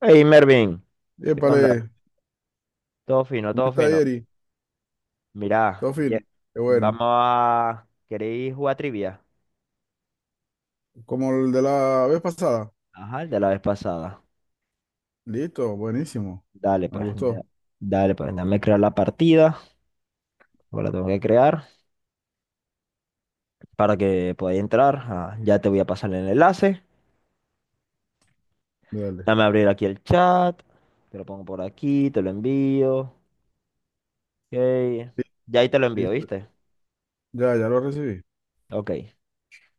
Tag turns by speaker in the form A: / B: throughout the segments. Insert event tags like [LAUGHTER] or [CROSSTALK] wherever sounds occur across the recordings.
A: Hey Mervin, ¿qué onda?
B: Épale,
A: Todo fino,
B: ¿cómo
A: todo
B: está
A: fino.
B: Yeri?
A: Mirá,
B: Todo fino. Qué bueno.
A: ¿Queréis jugar trivia?
B: Como el de la vez pasada.
A: Ajá, el de la vez pasada.
B: Listo, buenísimo.
A: Dale
B: Me
A: pues,
B: gustó.
A: dame crear la partida, ahora la tengo que crear para que podáis entrar. Ah, ya te voy a pasar el enlace.
B: Dale.
A: Dame abrir aquí el chat, te lo pongo por aquí, te lo envío. Ok,
B: Li-
A: ya ahí te lo envío,
B: Listo.
A: ¿viste?
B: Ya lo recibí.
A: Ok, vamos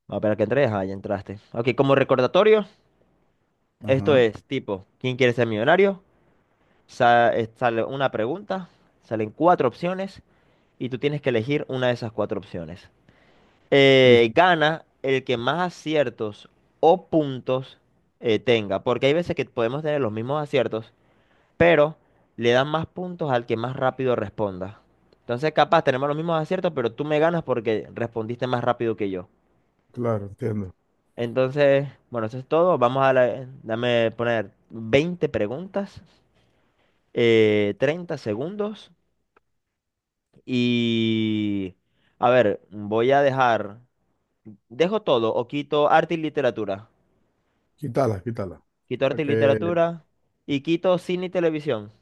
A: a esperar que entres. Ah, ya entraste. Ok, como recordatorio, esto
B: Ajá.
A: es tipo, ¿quién quiere ser millonario? Sale una pregunta, salen cuatro opciones y tú tienes que elegir una de esas cuatro opciones.
B: Listo.
A: Gana el que más aciertos o puntos tenga, porque hay veces que podemos tener los mismos aciertos, pero le dan más puntos al que más rápido responda. Entonces, capaz tenemos los mismos aciertos, pero tú me ganas porque respondiste más rápido que yo.
B: Claro, entiendo.
A: Entonces, bueno, eso es todo. Dame poner 20 preguntas, 30 segundos. Y, a ver, dejo todo o quito arte y literatura.
B: Quítala, quítala.
A: Quito
B: Para
A: arte y
B: que
A: literatura y quito cine y televisión.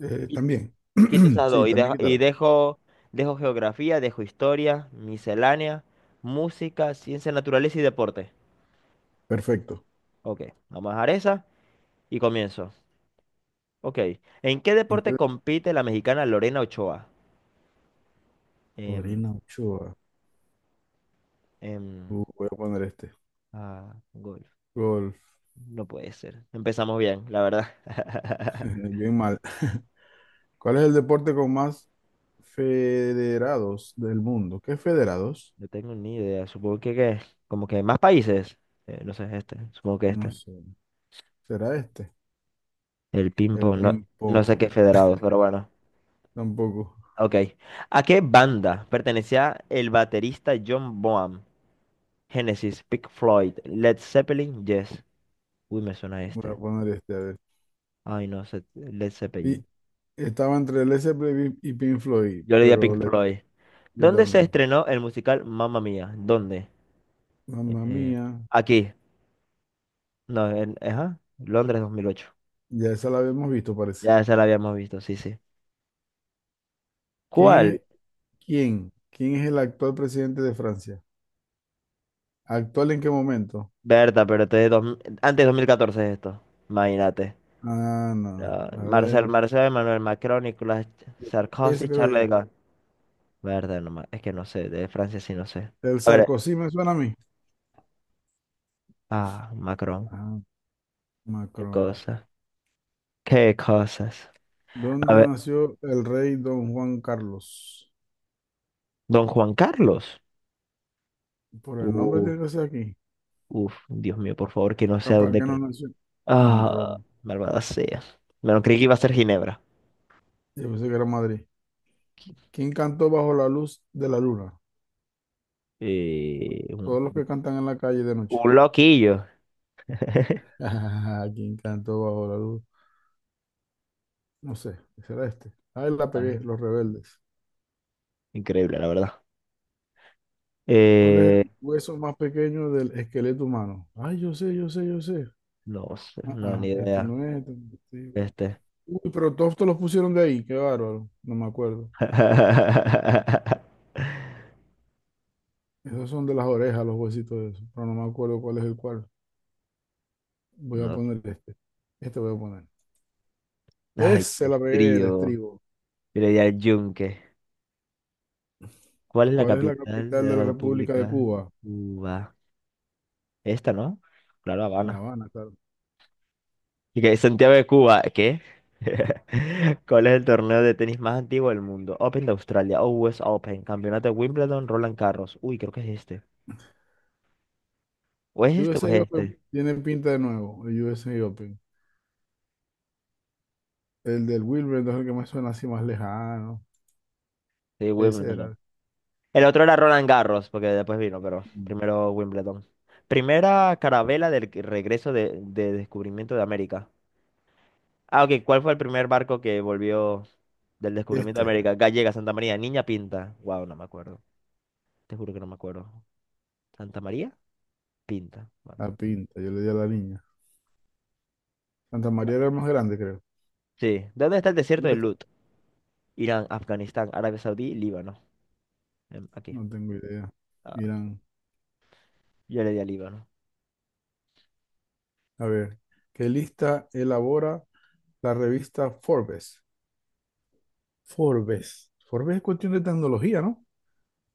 A: Qui-
B: también.
A: Quito
B: [CLEARS THROAT]
A: esas
B: Sí,
A: dos y
B: también
A: dejo, y
B: quítala.
A: dejo, dejo geografía, dejo historia, miscelánea, música, ciencia, naturaleza y deporte.
B: Perfecto.
A: Ok, vamos a dejar esa y comienzo. Ok, ¿en qué
B: ¿En qué?
A: deporte compite la mexicana Lorena Ochoa? Em,
B: Corina Ochoa.
A: em,
B: Voy a poner este.
A: ah, golf.
B: Gol.
A: No puede ser. Empezamos bien, la verdad.
B: [LAUGHS]
A: [LAUGHS]
B: Bien mal. [LAUGHS] ¿Cuál es el deporte con más federados del mundo? ¿Qué federados?
A: No tengo ni idea. Supongo que como que más países. No sé, este. Supongo que
B: No
A: este.
B: sé. ¿Será este?
A: El
B: El
A: ping-pong. No, no
B: ping-pong.
A: sé qué federados,
B: [LAUGHS]
A: pero bueno.
B: Tampoco.
A: Ok. ¿A qué banda pertenecía el baterista John Bonham? Genesis, Pink Floyd, Led Zeppelin, Yes. Uy, me suena
B: Voy a
A: este.
B: poner este, a ver.
A: Ay, no sé. Led Zeppelin.
B: Y estaba entre Led Zeppelin y Pink Floyd,
A: Yo le di a Pink Floyd.
B: yo
A: ¿Dónde se
B: también.
A: estrenó el musical Mamma Mía? ¿Dónde?
B: Mamma
A: Eh,
B: mía.
A: Aquí. No, ajá. Londres 2008.
B: Ya esa la habíamos visto, parece.
A: Ya esa la habíamos visto, sí, sí.
B: ¿Quién
A: ¿Cuál
B: es, quién? ¿Quién es el actual presidente de Francia? ¿Actual en qué momento?
A: Berta, pero este es antes de 2014 es esto. Imagínate.
B: Ah, no.
A: Ah,
B: A ver.
A: Emmanuel Macron, Nicolas
B: Yo- Ese
A: Sarkozy,
B: creo
A: Charles de
B: yo.
A: Gaulle. Berta, es que no sé, de Francia sí no sé.
B: El
A: A ver,
B: Sarkozy me suena a mí.
A: ah, Macron,
B: Ah,
A: qué
B: Macron.
A: cosa, qué cosas. A
B: ¿Dónde
A: ver,
B: nació el rey Don Juan Carlos?
A: don Juan Carlos.
B: Por el nombre
A: Uf,
B: tiene que ser aquí.
A: uf, Dios mío, por favor, que no sé a
B: Capaz
A: dónde
B: que no
A: creo.
B: nació en
A: Ah,
B: Roma.
A: malvada sea. Bueno, creí que iba a ser Ginebra.
B: Yo pensé que era Madrid. ¿Quién cantó bajo la luz de la luna?
A: Eh, un,
B: Todos los que cantan en la calle de noche.
A: un loquillo. [LAUGHS]
B: [LAUGHS] ¿Quién cantó bajo la luz? No sé, ¿qué será este? Ahí la
A: Ah,
B: pegué, Los Rebeldes.
A: increíble, la verdad.
B: ¿Cuál es
A: Eh,
B: el hueso más pequeño del esqueleto humano? Ay, yo sé, yo sé, yo sé.
A: No sé,
B: Ah,
A: no, ni
B: ah, este
A: idea.
B: no es. Este no es. Este.
A: Este.
B: Uy, pero todos te los pusieron de ahí, qué bárbaro. No me acuerdo.
A: [LAUGHS]
B: Esos son de las orejas, los huesitos de eso, pero no me acuerdo cuál es el cual. Voy a
A: No.
B: poner este. Este voy a poner.
A: Ay, qué
B: Ese la pegué, el
A: trío.
B: estribo.
A: Yo le di al yunque. ¿Cuál es la
B: ¿Cuál es la
A: capital
B: capital
A: de
B: de la
A: la
B: República
A: República
B: de
A: de
B: Cuba?
A: Cuba? Esta, ¿no? Claro,
B: La
A: Habana.
B: Habana, claro.
A: Y que Santiago de Cuba, ¿qué? [LAUGHS] ¿Cuál es el torneo de tenis más antiguo del mundo? Open de Australia, US Open, Campeonato de Wimbledon, Roland Garros. Uy, creo que es este. ¿O es este o es
B: USA Open
A: este?
B: tiene pinta de nuevo, el USA Open. El del Wimbledon entonces el que me suena así más lejano.
A: Sí,
B: Ese
A: Wimbledon.
B: era.
A: El otro era Roland Garros, porque después vino, pero
B: Mm.
A: primero Wimbledon. Primera carabela regreso de descubrimiento de América. Ah, ok, ¿cuál fue el primer barco que volvió del descubrimiento de
B: Este,
A: América? Gallega, Santa María, Niña Pinta. Wow, no me acuerdo. Te juro que no me acuerdo. ¿Santa María? Pinta. Bueno.
B: la pinta, yo le di a la niña. Santa María
A: Bueno.
B: era el más grande, creo.
A: Sí. ¿Dónde está el desierto
B: ¿Cuál
A: de
B: es? ¿Este?
A: Lut? Irán, Afganistán, Arabia Saudí, Líbano. Aquí.
B: No tengo idea.
A: Ah,
B: Miran,
A: yo le di a Líbano.
B: a ver, ¿qué lista elabora la revista Forbes? Forbes. Forbes es cuestión de tecnología, ¿no?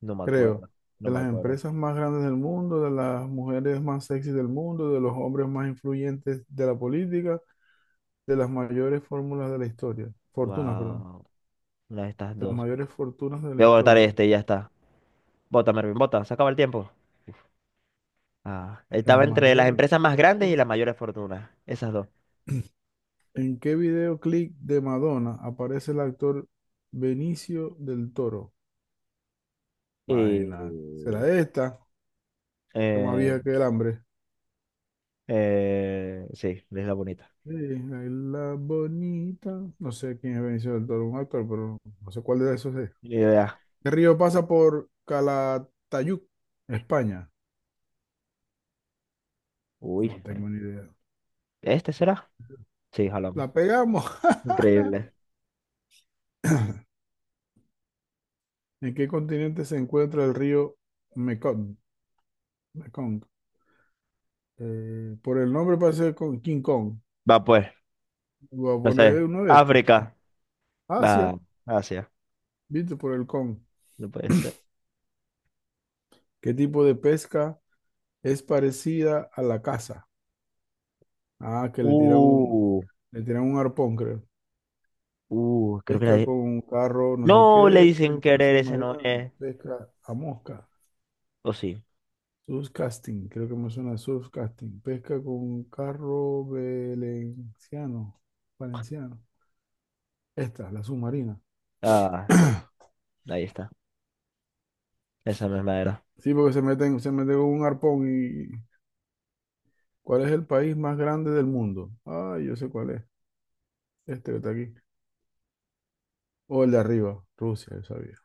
A: No me
B: Creo,
A: acuerdo. No
B: de
A: me
B: las
A: acuerdo.
B: empresas más grandes del mundo, de las mujeres más sexy del mundo, de los hombres más influyentes de la política, de las mayores fórmulas de la historia, fortunas, perdón,
A: Wow. Una de estas
B: de las
A: dos.
B: mayores fortunas de la
A: Voy a votar
B: historia,
A: este, y ya está. Bota, Mervin, bota, se acaba el tiempo. Ah,
B: las
A: estaba entre las
B: mayores
A: empresas más grandes y
B: fortunas.
A: las mayores fortunas. Esas dos.
B: ¿En qué videoclip de Madonna aparece el actor Benicio del Toro? Imagínate, será
A: Y.
B: esta, que más
A: Eh,
B: vieja que el hambre.
A: sí, es la bonita.
B: Sí, ahí la bonita. No sé quién es Benicio del Toro, un actor, pero no sé cuál de esos es.
A: Ni idea.
B: ¿Qué río pasa por Calatayud, España?
A: Uy,
B: No tengo ni idea.
A: ¿este será? Sí, jalamos.
B: La pegamos.
A: Increíble.
B: [LAUGHS] [CLEARS THROAT] ¿En qué continente se encuentra el río Mekong? Mekong. Por el nombre parece con King Kong.
A: Va pues,
B: Voy a
A: no
B: poner
A: sé.
B: uno de estos.
A: África.
B: Asia,
A: Va, Asia.
B: viste por el Kong.
A: No puede ser.
B: ¿Qué tipo de pesca es parecida a la caza? Ah, que
A: Uh,
B: le tiran un arpón, creo.
A: Creo que era.
B: Pesca con un carro, no sé
A: No le
B: qué,
A: dicen
B: pesca
A: querer, ese
B: submarina,
A: no es.
B: pesca a mosca.
A: O sí.
B: Surfcasting, creo que me suena surfcasting. Pesca con carro valenciano. Valenciano. Esta, la submarina.
A: Ah, sí,
B: [CLEARS THROAT]
A: ahí está. Esa misma era.
B: Sí, porque se meten con un arpón y... ¿Cuál es el país más grande del mundo? Ah, yo sé cuál es. Este que está aquí. O el de arriba, Rusia, yo sabía.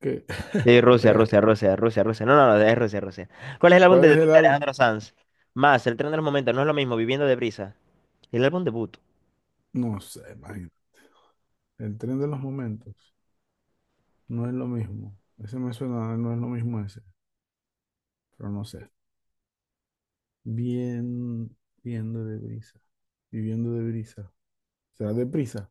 B: ¿Qué?
A: Sí,
B: [LAUGHS] La
A: Rusia,
B: pegaste.
A: Rusia, Rusia, Rusia, Rusia. No, no, no, es Rusia, Rusia. ¿Cuál es el álbum de
B: ¿Cuál es
A: debut
B: el
A: de
B: álbum?
A: Alejandro Sanz? Más, El tren de los momentos, no es lo mismo, Viviendo de brisa. El álbum debut,
B: No sé, imagino. El tren de los momentos. No es lo mismo. Ese me suena, no es lo mismo ese. Pero no sé. Bien, viendo de brisa. Viviendo de brisa. Será de prisa.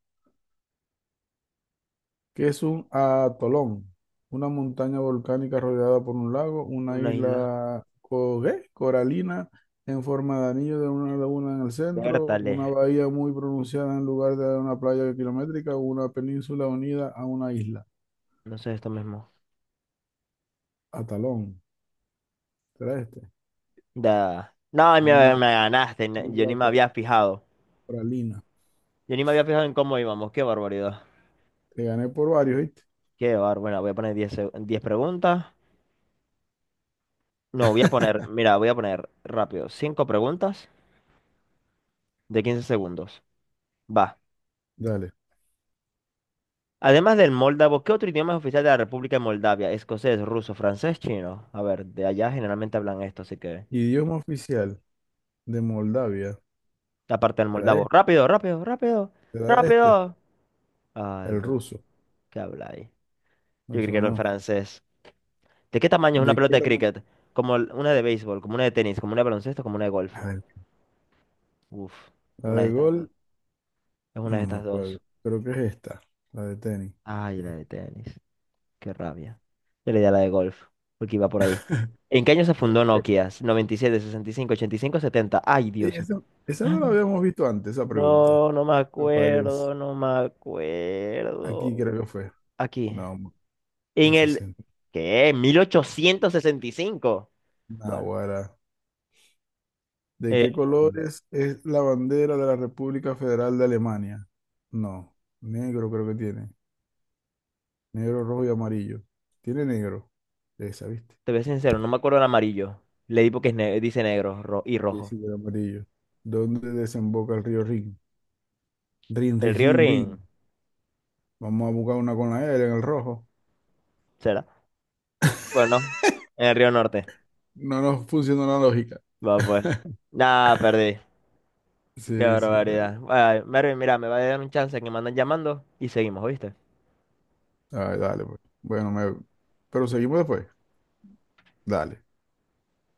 B: ¿Qué es un atolón? Una montaña volcánica rodeada por un lago, una
A: una isla.
B: ¿qué? Coralina en forma de anillo de una laguna en el centro,
A: Bertale,
B: una bahía muy pronunciada en lugar de una playa kilométrica, una península unida a una isla.
A: no sé esto mismo.
B: Atalón. ¿Será este?
A: Da. No, me,
B: Una
A: me ganaste, yo
B: isla
A: ni me
B: co-
A: había fijado.
B: coralina.
A: Yo ni me había fijado en cómo íbamos, qué barbaridad.
B: Te gané por varios, ¿viste?
A: Bueno, voy a poner 10 preguntas. No, mira, voy a poner rápido, 5 preguntas de 15 segundos. Va.
B: Dale.
A: Además del moldavo, ¿qué otro idioma es oficial de la República de Moldavia? Escocés, ruso, francés, chino. A ver, de allá generalmente hablan esto, así que.
B: Idioma oficial de Moldavia.
A: Aparte del
B: ¿Será
A: moldavo.
B: este?
A: Rápido, rápido, rápido,
B: ¿Será este?
A: rápido. Ah, el
B: El
A: ruso.
B: ruso.
A: ¿Qué habla ahí? Yo creo que
B: Eso
A: era el
B: no.
A: francés. ¿De qué tamaño es una
B: ¿De
A: pelota
B: qué
A: de
B: tamaño?
A: cricket? Como una de béisbol, como una de tenis, como una de baloncesto, como una de golf.
B: A ver,
A: Uf,
B: la
A: una de
B: de
A: estas dos.
B: gol,
A: Es una de
B: no me
A: estas
B: acuerdo.
A: dos.
B: Creo que es esta, la de tenis.
A: Ay,
B: Sí.
A: la de tenis. Qué rabia. Yo le di a la de golf, porque iba por ahí. ¿En qué año se fundó
B: Sí.
A: Nokia? Noventa y siete, 65, 85, 70. Ay,
B: Y
A: Dios mío.
B: esa no la
A: [GASPS]
B: habíamos visto antes, esa pregunta.
A: No, no me
B: Me parece.
A: acuerdo, no me
B: Aquí
A: acuerdo.
B: creo que fue.
A: Aquí.
B: No,
A: En
B: en
A: el.
B: sesenta.
A: ¿Qué? 1865. Bueno,
B: Naguará. ¿De
A: eh,
B: qué colores es la bandera de la República Federal de Alemania? No, negro creo que tiene. Negro, rojo y amarillo. Tiene negro. Esa, ¿viste?
A: te voy a ser sincero, no me acuerdo el amarillo. Le di porque es dice negro y
B: Sí,
A: rojo.
B: sí, el amarillo. ¿Dónde desemboca el río Rin? Rin,
A: ¿El
B: rin,
A: río
B: rin, rin.
A: Rin?
B: Vamos a buscar una con la L en el rojo.
A: ¿Será? Bueno, en el río Norte.
B: No nos funciona la lógica.
A: Va, pues. Nada, perdí. Qué
B: Sí, sí, pero...
A: barbaridad. Bueno, Mervin, mira, me va a dar un chance que me andan llamando y seguimos, ¿oíste?
B: Ay, dale, pues. Bueno, me... pero seguimos después. Dale.